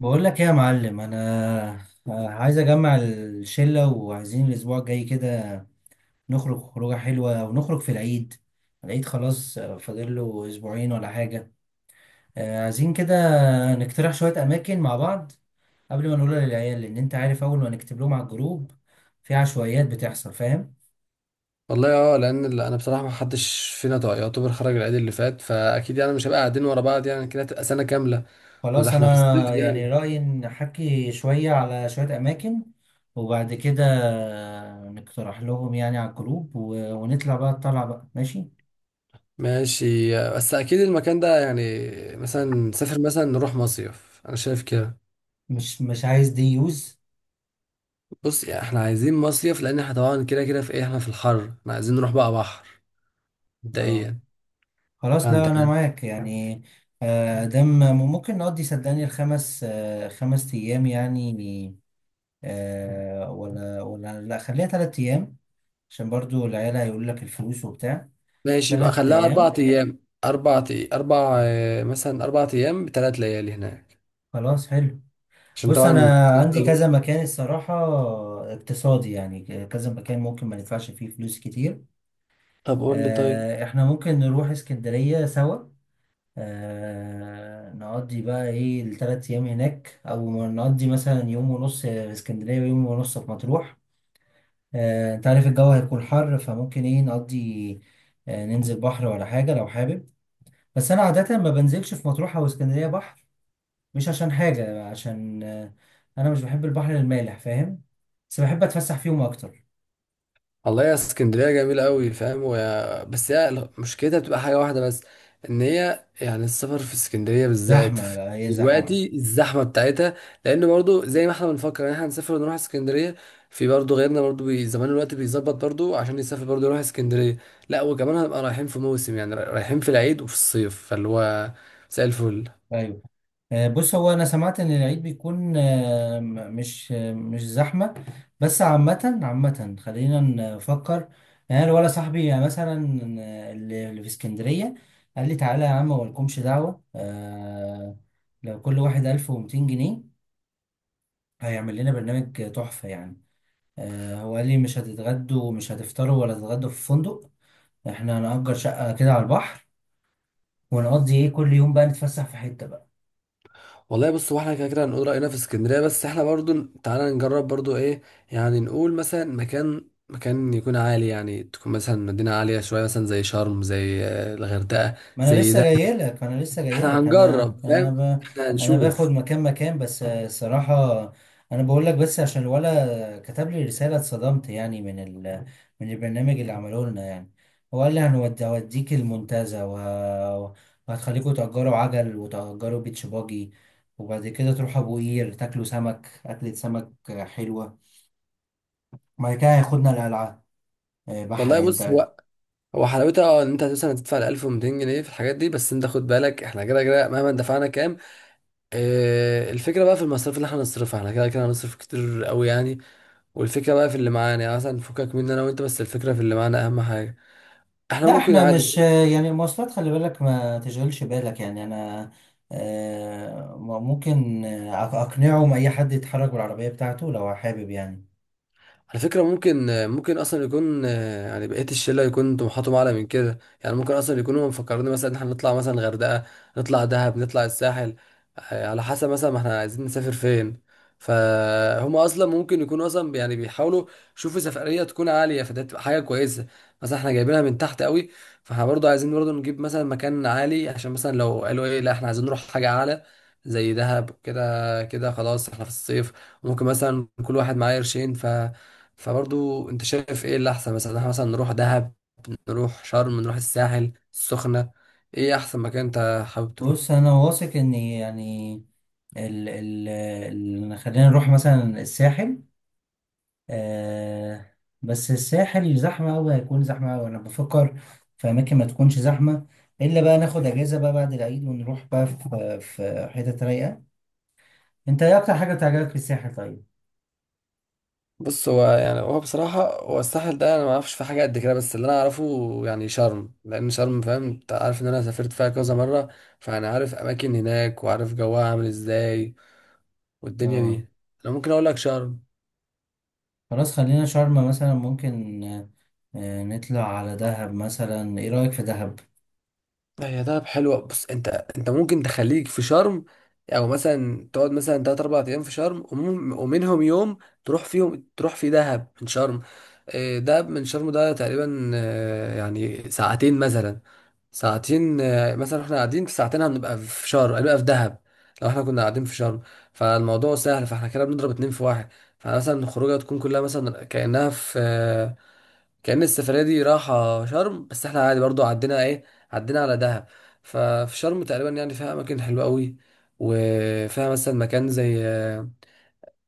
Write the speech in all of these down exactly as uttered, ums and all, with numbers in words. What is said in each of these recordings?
بقول لك ايه يا معلم، انا عايز اجمع الشله وعايزين الاسبوع الجاي كده نخرج خروجه حلوه ونخرج في العيد. العيد خلاص فاضل له اسبوعين ولا حاجه. آه، عايزين كده نقترح شويه اماكن مع بعض قبل ما نقولها للعيال، لان انت عارف اول ما نكتب لهم على الجروب في عشوائيات بتحصل، فاهم. والله، اه، لان ال- انا بصراحه ما حدش فينا طا- يعتبر خرج العيد اللي فات، فاكيد يعني مش هبقى قاعدين ورا بعض يعني كده، هتبقى سنه كامله. وده خلاص، احنا في الصيف انا يعني يعني. رايي نحكي شويه على شويه اماكن وبعد كده نقترح لهم يعني على الجروب و- ونطلع بقى الطلعه بقى، ماشي. ماشي، بس اكيد المكان ده يعني مثلا نسافر، مثلا نروح مصيف، انا شايف كده. مش مش عايز دي يوز. بص يعني احنا عايزين مصيف، لان احنا طبعا كده كده في ايه، احنا في الحر، احنا عايزين نروح بقى بحر اه، مبدئيا. خلاص، لا فانت، انا معاك يعني. آه، دم ممكن نقضي صدقني الخمس، آه، خمس ايام يعني. آه، ولا ولا لا، خليها تلات ايام، عشان برضو العيال هيقول لك الفلوس وبتاع. ماشي، يبقى تلات خليها اربع ايام. ايام اربع أي- اربع، آه، مثلا اربع ايام بثلاث ليالي هناك خلاص، حلو. عشان بص، طبعا. انا عندي كذا مكان الصراحة، اقتصادي يعني، كذا مكان ممكن ما ندفعش فيه فلوس كتير. طب قول لي طيب. آه، احنا ممكن نروح اسكندرية سوا، آه نقضي بقى ايه الثلاث ايام هناك، او نقضي مثلا يوم ونص في اسكندريه ويوم ونص في مطروح. آه انت عارف الجو هيكون حر، فممكن ايه نقضي، آه ننزل بحر ولا حاجه لو حابب. بس انا عاده ما بنزلش في مطروح او اسكندريه بحر، مش عشان حاجه، عشان آه انا مش بحب البحر المالح، فاهم. بس بحب اتفسح فيهم اكتر. والله يا اسكندريه جميله قوي فاهم، ويا... بس هي مشكلتها بتبقى حاجه واحده بس، ان هي يعني السفر في اسكندريه بالذات زحمه، في- لا هي زحمه. دلوقتي الزحمه بتاعتها، لان برضو زي ما احنا بنفكر ان احنا هنسافر ونروح اسكندريه، في برضو غيرنا برضو بي... زمان الوقت بيظبط برضو عشان يسافر برضو يروح اسكندريه. لا، وكمان هنبقى رايحين في موسم يعني، را- رايحين في العيد وفي الصيف، فاللو هو زي الفل. ايوه. آه، بص هو انا سمعت ان العيد بيكون، آه، م- مش آه، مش زحمه، بس عامه عامه خلينا نفكر، يعني أنا ولا صاحبي يعني مثلا، آه، اللي اللي في اسكندريه قال لي تعالى يا عم، مالكمش دعوه، آه، لو كل واحد ألف ومئتين جنيها هيعمل لنا برنامج تحفه يعني. آه، هو قال لي مش هتتغدوا، مش هتفطروا ولا تتغدوا في فندق، احنا هنأجر شقه كده على البحر ونقضي ايه كل يوم بقى نتفسح في حته بقى. والله بص، هو احنا كده كده هنقول رأينا في اسكندرية، بس احنا برضو تعالى نجرب برضو ايه، يعني نقول مثلا مكان مكان يكون عالي، يعني تكون مثلا مدينة عالية شوية، مثلا زي شرم، زي آه، الغردقة، ما انا زي لسه ده. جاي لك انا لسه جاي احنا لك انا هنجرب انا فاهم، ب... احنا انا باخد هنشوف. مكان مكان بس، آه، الصراحه انا بقول لك بس عشان الولا كتب لي رساله اتصدمت يعني من ال... من البرنامج اللي عملوه لنا يعني. هو قال لي هنودي- هوديك المنتزه وه... وهتخليكوا تأجروا عجل وتأجروا بيتش باجي، وبعد كده تروحوا ابو قير تاكلوا سمك، اكلة سمك آه، حلوه، وبعد كده هياخدنا القلعه، آه، والله بحري بص انت. هو، هو حلاوتها اه ان انت مثلا هتدفع ألف ومائتين جنيه في الحاجات دي، بس انت خد بالك احنا كده كده مهما دفعنا كام. اه، الفكرة بقى في المصاريف اللي احنا هنصرفها، احنا كده كده هنصرف كتير قوي يعني. والفكرة بقى في اللي معانا يعني، مثلا فكك مني انا وانت، بس الفكرة في اللي معانا اهم حاجة. احنا لا ممكن احنا مش عادي. يعني المواصلات، خلي بالك ما تشغلش بالك يعني، انا آه، ممكن آه، أق- اقنعه ان اي حد يتحرك بالعربية بتاعته لو حابب يعني. على فكرة، ممكن ممكن أصلا يكون آه، يعني بقية الشلة يكون طموحاتهم أعلى من كده، يعني ممكن أصلا يكونوا مفكرين مثلا إن إحنا نطلع مثلا غردقة، نطلع دهب، نطلع الساحل. آه، على حسب مثلا ما إحنا عايزين نسافر فين. فهم أصلا ممكن يكونوا أصلا بي- يعني بيحاولوا يشوفوا سفرية تكون عالية، فده تبقى حاجة كويسة. مثلا إحنا جايبينها من تحت قوي، فإحنا برضه عايزين برضه نجيب مثلا مكان عالي، عشان مثلا لو قالوا إيه لا إحنا عايزين نروح حاجة أعلى زي دهب. كده كده خلاص إحنا في الصيف، ممكن مثلا كل واحد معاه قرشين. ف فبرضو انت شايف ايه اللي احسن، مثلا احنا مثلا نروح دهب، نروح شرم، نروح الساحل، السخنة. ايه احسن مكان انت حابب تروح؟ بص انا واثق ان يعني ال ال ال خلينا نروح مثلا الساحل، آه. بس الساحل زحمة أوي، هيكون زحمة أوي، أنا بفكر في أماكن ما تكونش زحمة، إلا بقى ناخد أجازة بقى بعد العيد ونروح بقى في في حتة رايقة. أنت إيه أكتر حاجة بتعجبك في الساحل طيب؟ بص، هو يعني هو بصراحة، هو الساحل ده انا ما اعرفش في حاجة قد كده، بس اللي انا اعرفه يعني شرم، لان شرم فاهم انت عارف ان انا سافرت فيها كذا مرة، فانا عارف اماكن هناك وعارف جوها عامل ازاي والدنيا اه، دي. انا ممكن اقول لك شرم. خلاص خلينا شرم مثلا ممكن، آه، آه نطلع على دهب مثلا، ايه رأيك في دهب؟ لا، هي دهب حلوة، بص، انت انت ممكن تخليك في شرم، او مثلا تقعد مثلا تلات اربع ايام في شرم، ومم- ومنهم يوم تروح فيهم، تروح في دهب من شرم. اه، دهب من شرم ده تقريبا اه، يعني ساعتين مثلا. ساعتين اه، مثلا احنا قاعدين في ساعتين، هنبقى في شرم، هنبقى في دهب لو احنا كنا قاعدين في شرم. فالموضوع سهل، فاحنا كده بنضرب اتنين في واحد. فمثلا الخروجه تكون كلها مثلا كأنها في آه، كأن السفرية دي راحة شرم، بس احنا عادي برضو عدينا ايه، عدينا على دهب. ففي شرم تقريبا يعني فيها أماكن حلوة قوي، وفيها مثلا مكان زي آه،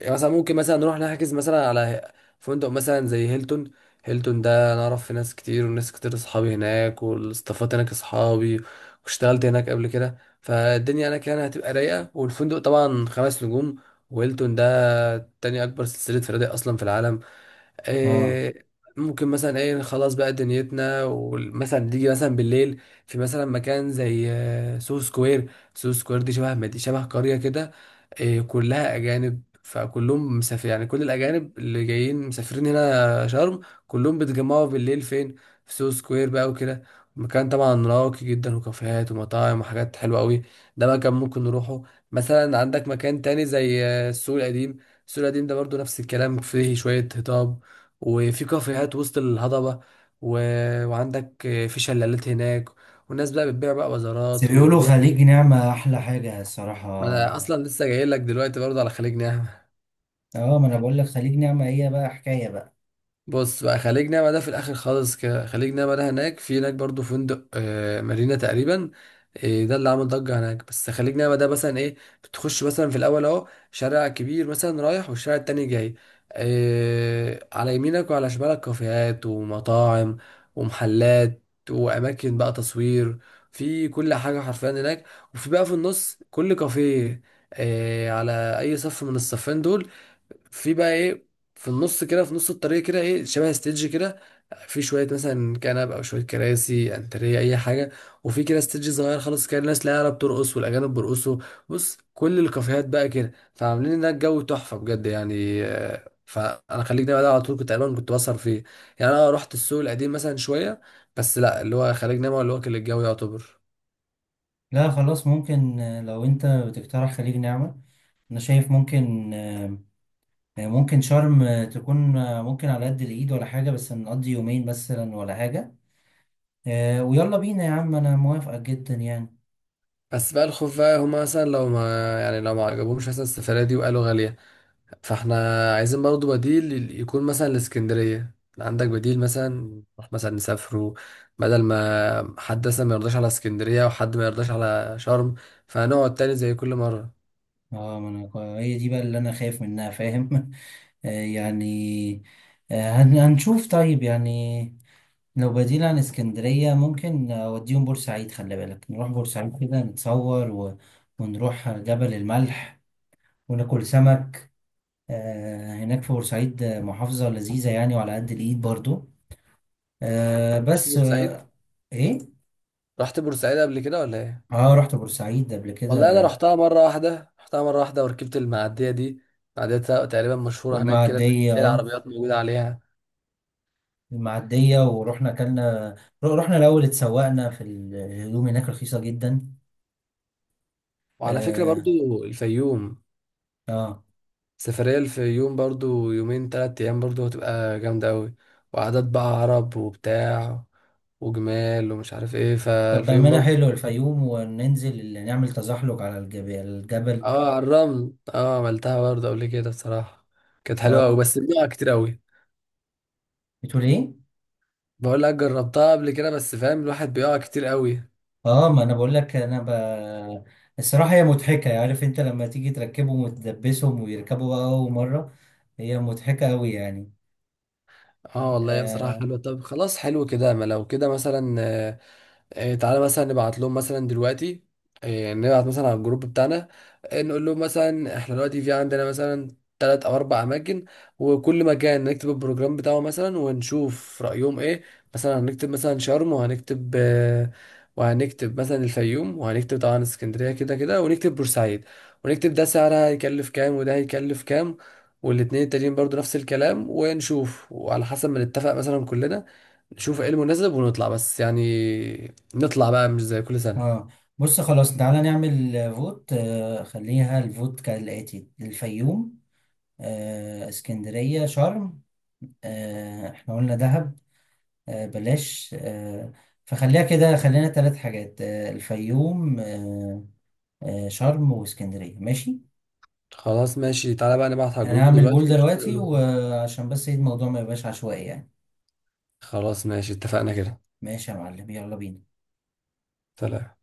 يعني مثلا ممكن مثلا نروح نحجز مثلا على فندق مثلا زي هيلتون. هيلتون ده أنا أعرف في ناس كتير، وناس كتير أصحابي هناك، والاستافات هناك أصحابي، واشتغلت هناك قبل كده، فالدنيا هناك يعني هتبقى رايقة، والفندق طبعا خمس نجوم، وهيلتون ده تاني أكبر سلسلة فنادق أصلا في العالم. اه إيه، ممكن مثلا ايه خلاص بقى دنيتنا، ومثلا تيجي مثلا بالليل، في مثلا مكان زي آه، سو سكوير. سو سكوير دي شبه مدي شبه قرية كده. إيه، كلها أجانب، فكلهم مسافر يعني، كل الأجانب اللي جايين مسافرين هنا شرم كلهم بيتجمعوا بالليل فين؟ في سو سكوير بقى وكده. مكان طبعا راقي جدا، وكافيهات ومطاعم وحاجات حلوة قوي، ده مكان ممكن نروحه. مثلا عندك مكان تاني زي آه، السوق القديم. السوق القديم ده برضو نفس الكلام، فيه شوية هضاب، وفي كافيهات وسط الهضبة، و... وعندك في شلالات هناك، والناس بقى بتبيع بقى بس وزارات بيقولوا وتبيع. خليج نعمة احلى حاجة ما الصراحة. انا اصلا لسه جاي لك دلوقتي برضه على خليج نعمة. اه ما انا بقول لك، خليج نعمة هي بقى حكاية بقى. بص بقى، خليج نعمة ده في الآخر خالص كده، خليج نعمة ده هناك، في هناك برضو فندق آه مارينا تقريبا، آه ده اللي عامل ضجة هناك. بس خليج نعمة ده مثلا إيه، بتخش مثلا في الأول أهو شارع كبير مثلا رايح، والشارع التاني جاي، آه على يمينك وعلى شمالك كافيهات ومطاعم ومحلات وأماكن بقى تصوير، في كل حاجة حرفيا هناك. وفي بقى في النص كل كافيه، آه على أي صف من الصفين دول في بقى ايه، في النص كده، في نص الطريق كده ايه شبه ستيدج كده، في شويه مثلا كنب او شويه كراسي انتريه اي حاجه، وفي كده ستيدج صغير خالص كده، الناس لا عرب بترقص والاجانب بيرقصوا. بص كل الكافيهات بقى كده، فعاملين هناك جو تحفه بجد يعني آه، فانا خليك دايما ده على طول كنت تقريبا كنت بسهر فيه. يعني انا رحت السوق القديم مثلا شويه، بس لا اللي هو خليج نعمة اللي هو كان الجو يعتبر. لا خلاص ممكن، آه، لو انت بتقترح خليج نعمة انا شايف ممكن، آه، آه، ممكن شرم آه، تكون آه، ممكن على قد الايد ولا حاجة، بس نقضي يومين مثلا ولا حاجة. آه، ويلا بينا يا عم، انا موافقة جدا يعني. بس بقى الخوف بقى هما مثلا لو ما، يعني لو ما عجبهمش مثلا السفرية دي وقالوا غالية، فاحنا عايزين برضه بديل، يكون مثلا لاسكندرية عندك بديل، مثلا نروح مثلا نسافروا، بدل ما حد مثلا ما يرضاش على اسكندرية وحد ما يرضاش على شرم، فهنقعد تاني زي كل مرة. اه ما انا هي دي بقى اللي انا خايف منها، فاهم. آه، يعني آه، هن- هنشوف طيب يعني. لو بديل عن اسكندرية ممكن أوديهم بورسعيد، خلي بالك نروح بورسعيد كده نتصور و... ونروح جبل الملح وناكل سمك آه، هناك في بورسعيد، آه، محافظة لذيذة يعني، وعلى قد الإيد برضو، آه، رحت بس بورسعيد؟ آه، إيه؟ رحت بورسعيد قبل كده ولا ايه؟ آه رحت بورسعيد قبل والله انا كده. رحتها مرة واحدة، رحتها مرة واحدة وركبت المعدية دي. معدية تقريبا مشهورة هناك كده، اللي والمعدية هي آه، العربيات موجودة عليها. المعدية، ورحنا أكلنا، رحنا الأول اتسوقنا في الهدوم هناك، رخيصة جدا. وعلى فكرة آه. برضو الفيوم، آه. سفرية الفيوم برضو يومين تلات أيام، برضو هتبقى جامدة أوي، وعادات بقى عرب وبتاع، وجمال ومش عارف ايه، طب فالفيوم بأمانة برضو. حلو الفيوم، وننزل اللي نعمل تزحلق على الجبل، الجبل. اه على الرمل، اه عملتها برضو قبل كده بصراحة، كانت حلوة أوي اه، بس بيقع كتير أوي. بتقول ايه؟ بقول لك جربتها قبل كده، بس فاهم الواحد بيقع كتير أوي. اه ما انا بقول لك انا ب... الصراحة هي مضحكة، عارف انت لما تيجي تركبهم وتدبسهم ويركبوا بقى اول مرة، هي مضحكة قوي يعني. اه والله، هي بصراحة آه. حلوة. طب خلاص، حلو كده، ما لو كده مثلا آه، آه، تعالى مثلا نبعت لهم مثلا دلوقتي، آه، يعني نبعت مثلا على الجروب بتاعنا، آه، نقول لهم مثلا احنا دلوقتي في عندنا مثلا تلات او اربع اماكن، وكل مكان نكتب البروجرام بتاعه مثلا، ونشوف رأيهم ايه. مثلا هنكتب مثلا شرم، وهنكتب آه، وهنكتب مثلا الفيوم، وهنكتب طبعا اسكندرية كده كده، ونكتب بورسعيد، ونكتب ده سعرها هيكلف كام وده هيكلف كام، والاتنين التانيين برضو نفس الكلام، ونشوف وعلى حسب ما نتفق مثلا كلنا، نشوف ايه المناسب، ونطلع بس يعني، نطلع بقى مش زي كل سنة. اه بص، خلاص تعالى نعمل آه، فوت. آه. خليها الفوت كالآتي، الفيوم آه. اسكندرية، شرم آه. احنا قلنا دهب آه، بلاش، آه، فخليها كده، خلينا ثلاث حاجات، آه، الفيوم آه، آه، شرم واسكندرية، ماشي. خلاص ماشي، تعالى بقى نبعت على انا الجروب هعمل بول دلوقتي ونشوف دلوقتي هيقولوا ايه. وعشان بس إيه، الموضوع ما يبقاش عشوائي يعني. خلاص ماشي، اتفقنا كده. ماشي يا معلم، يلا بينا. سلام.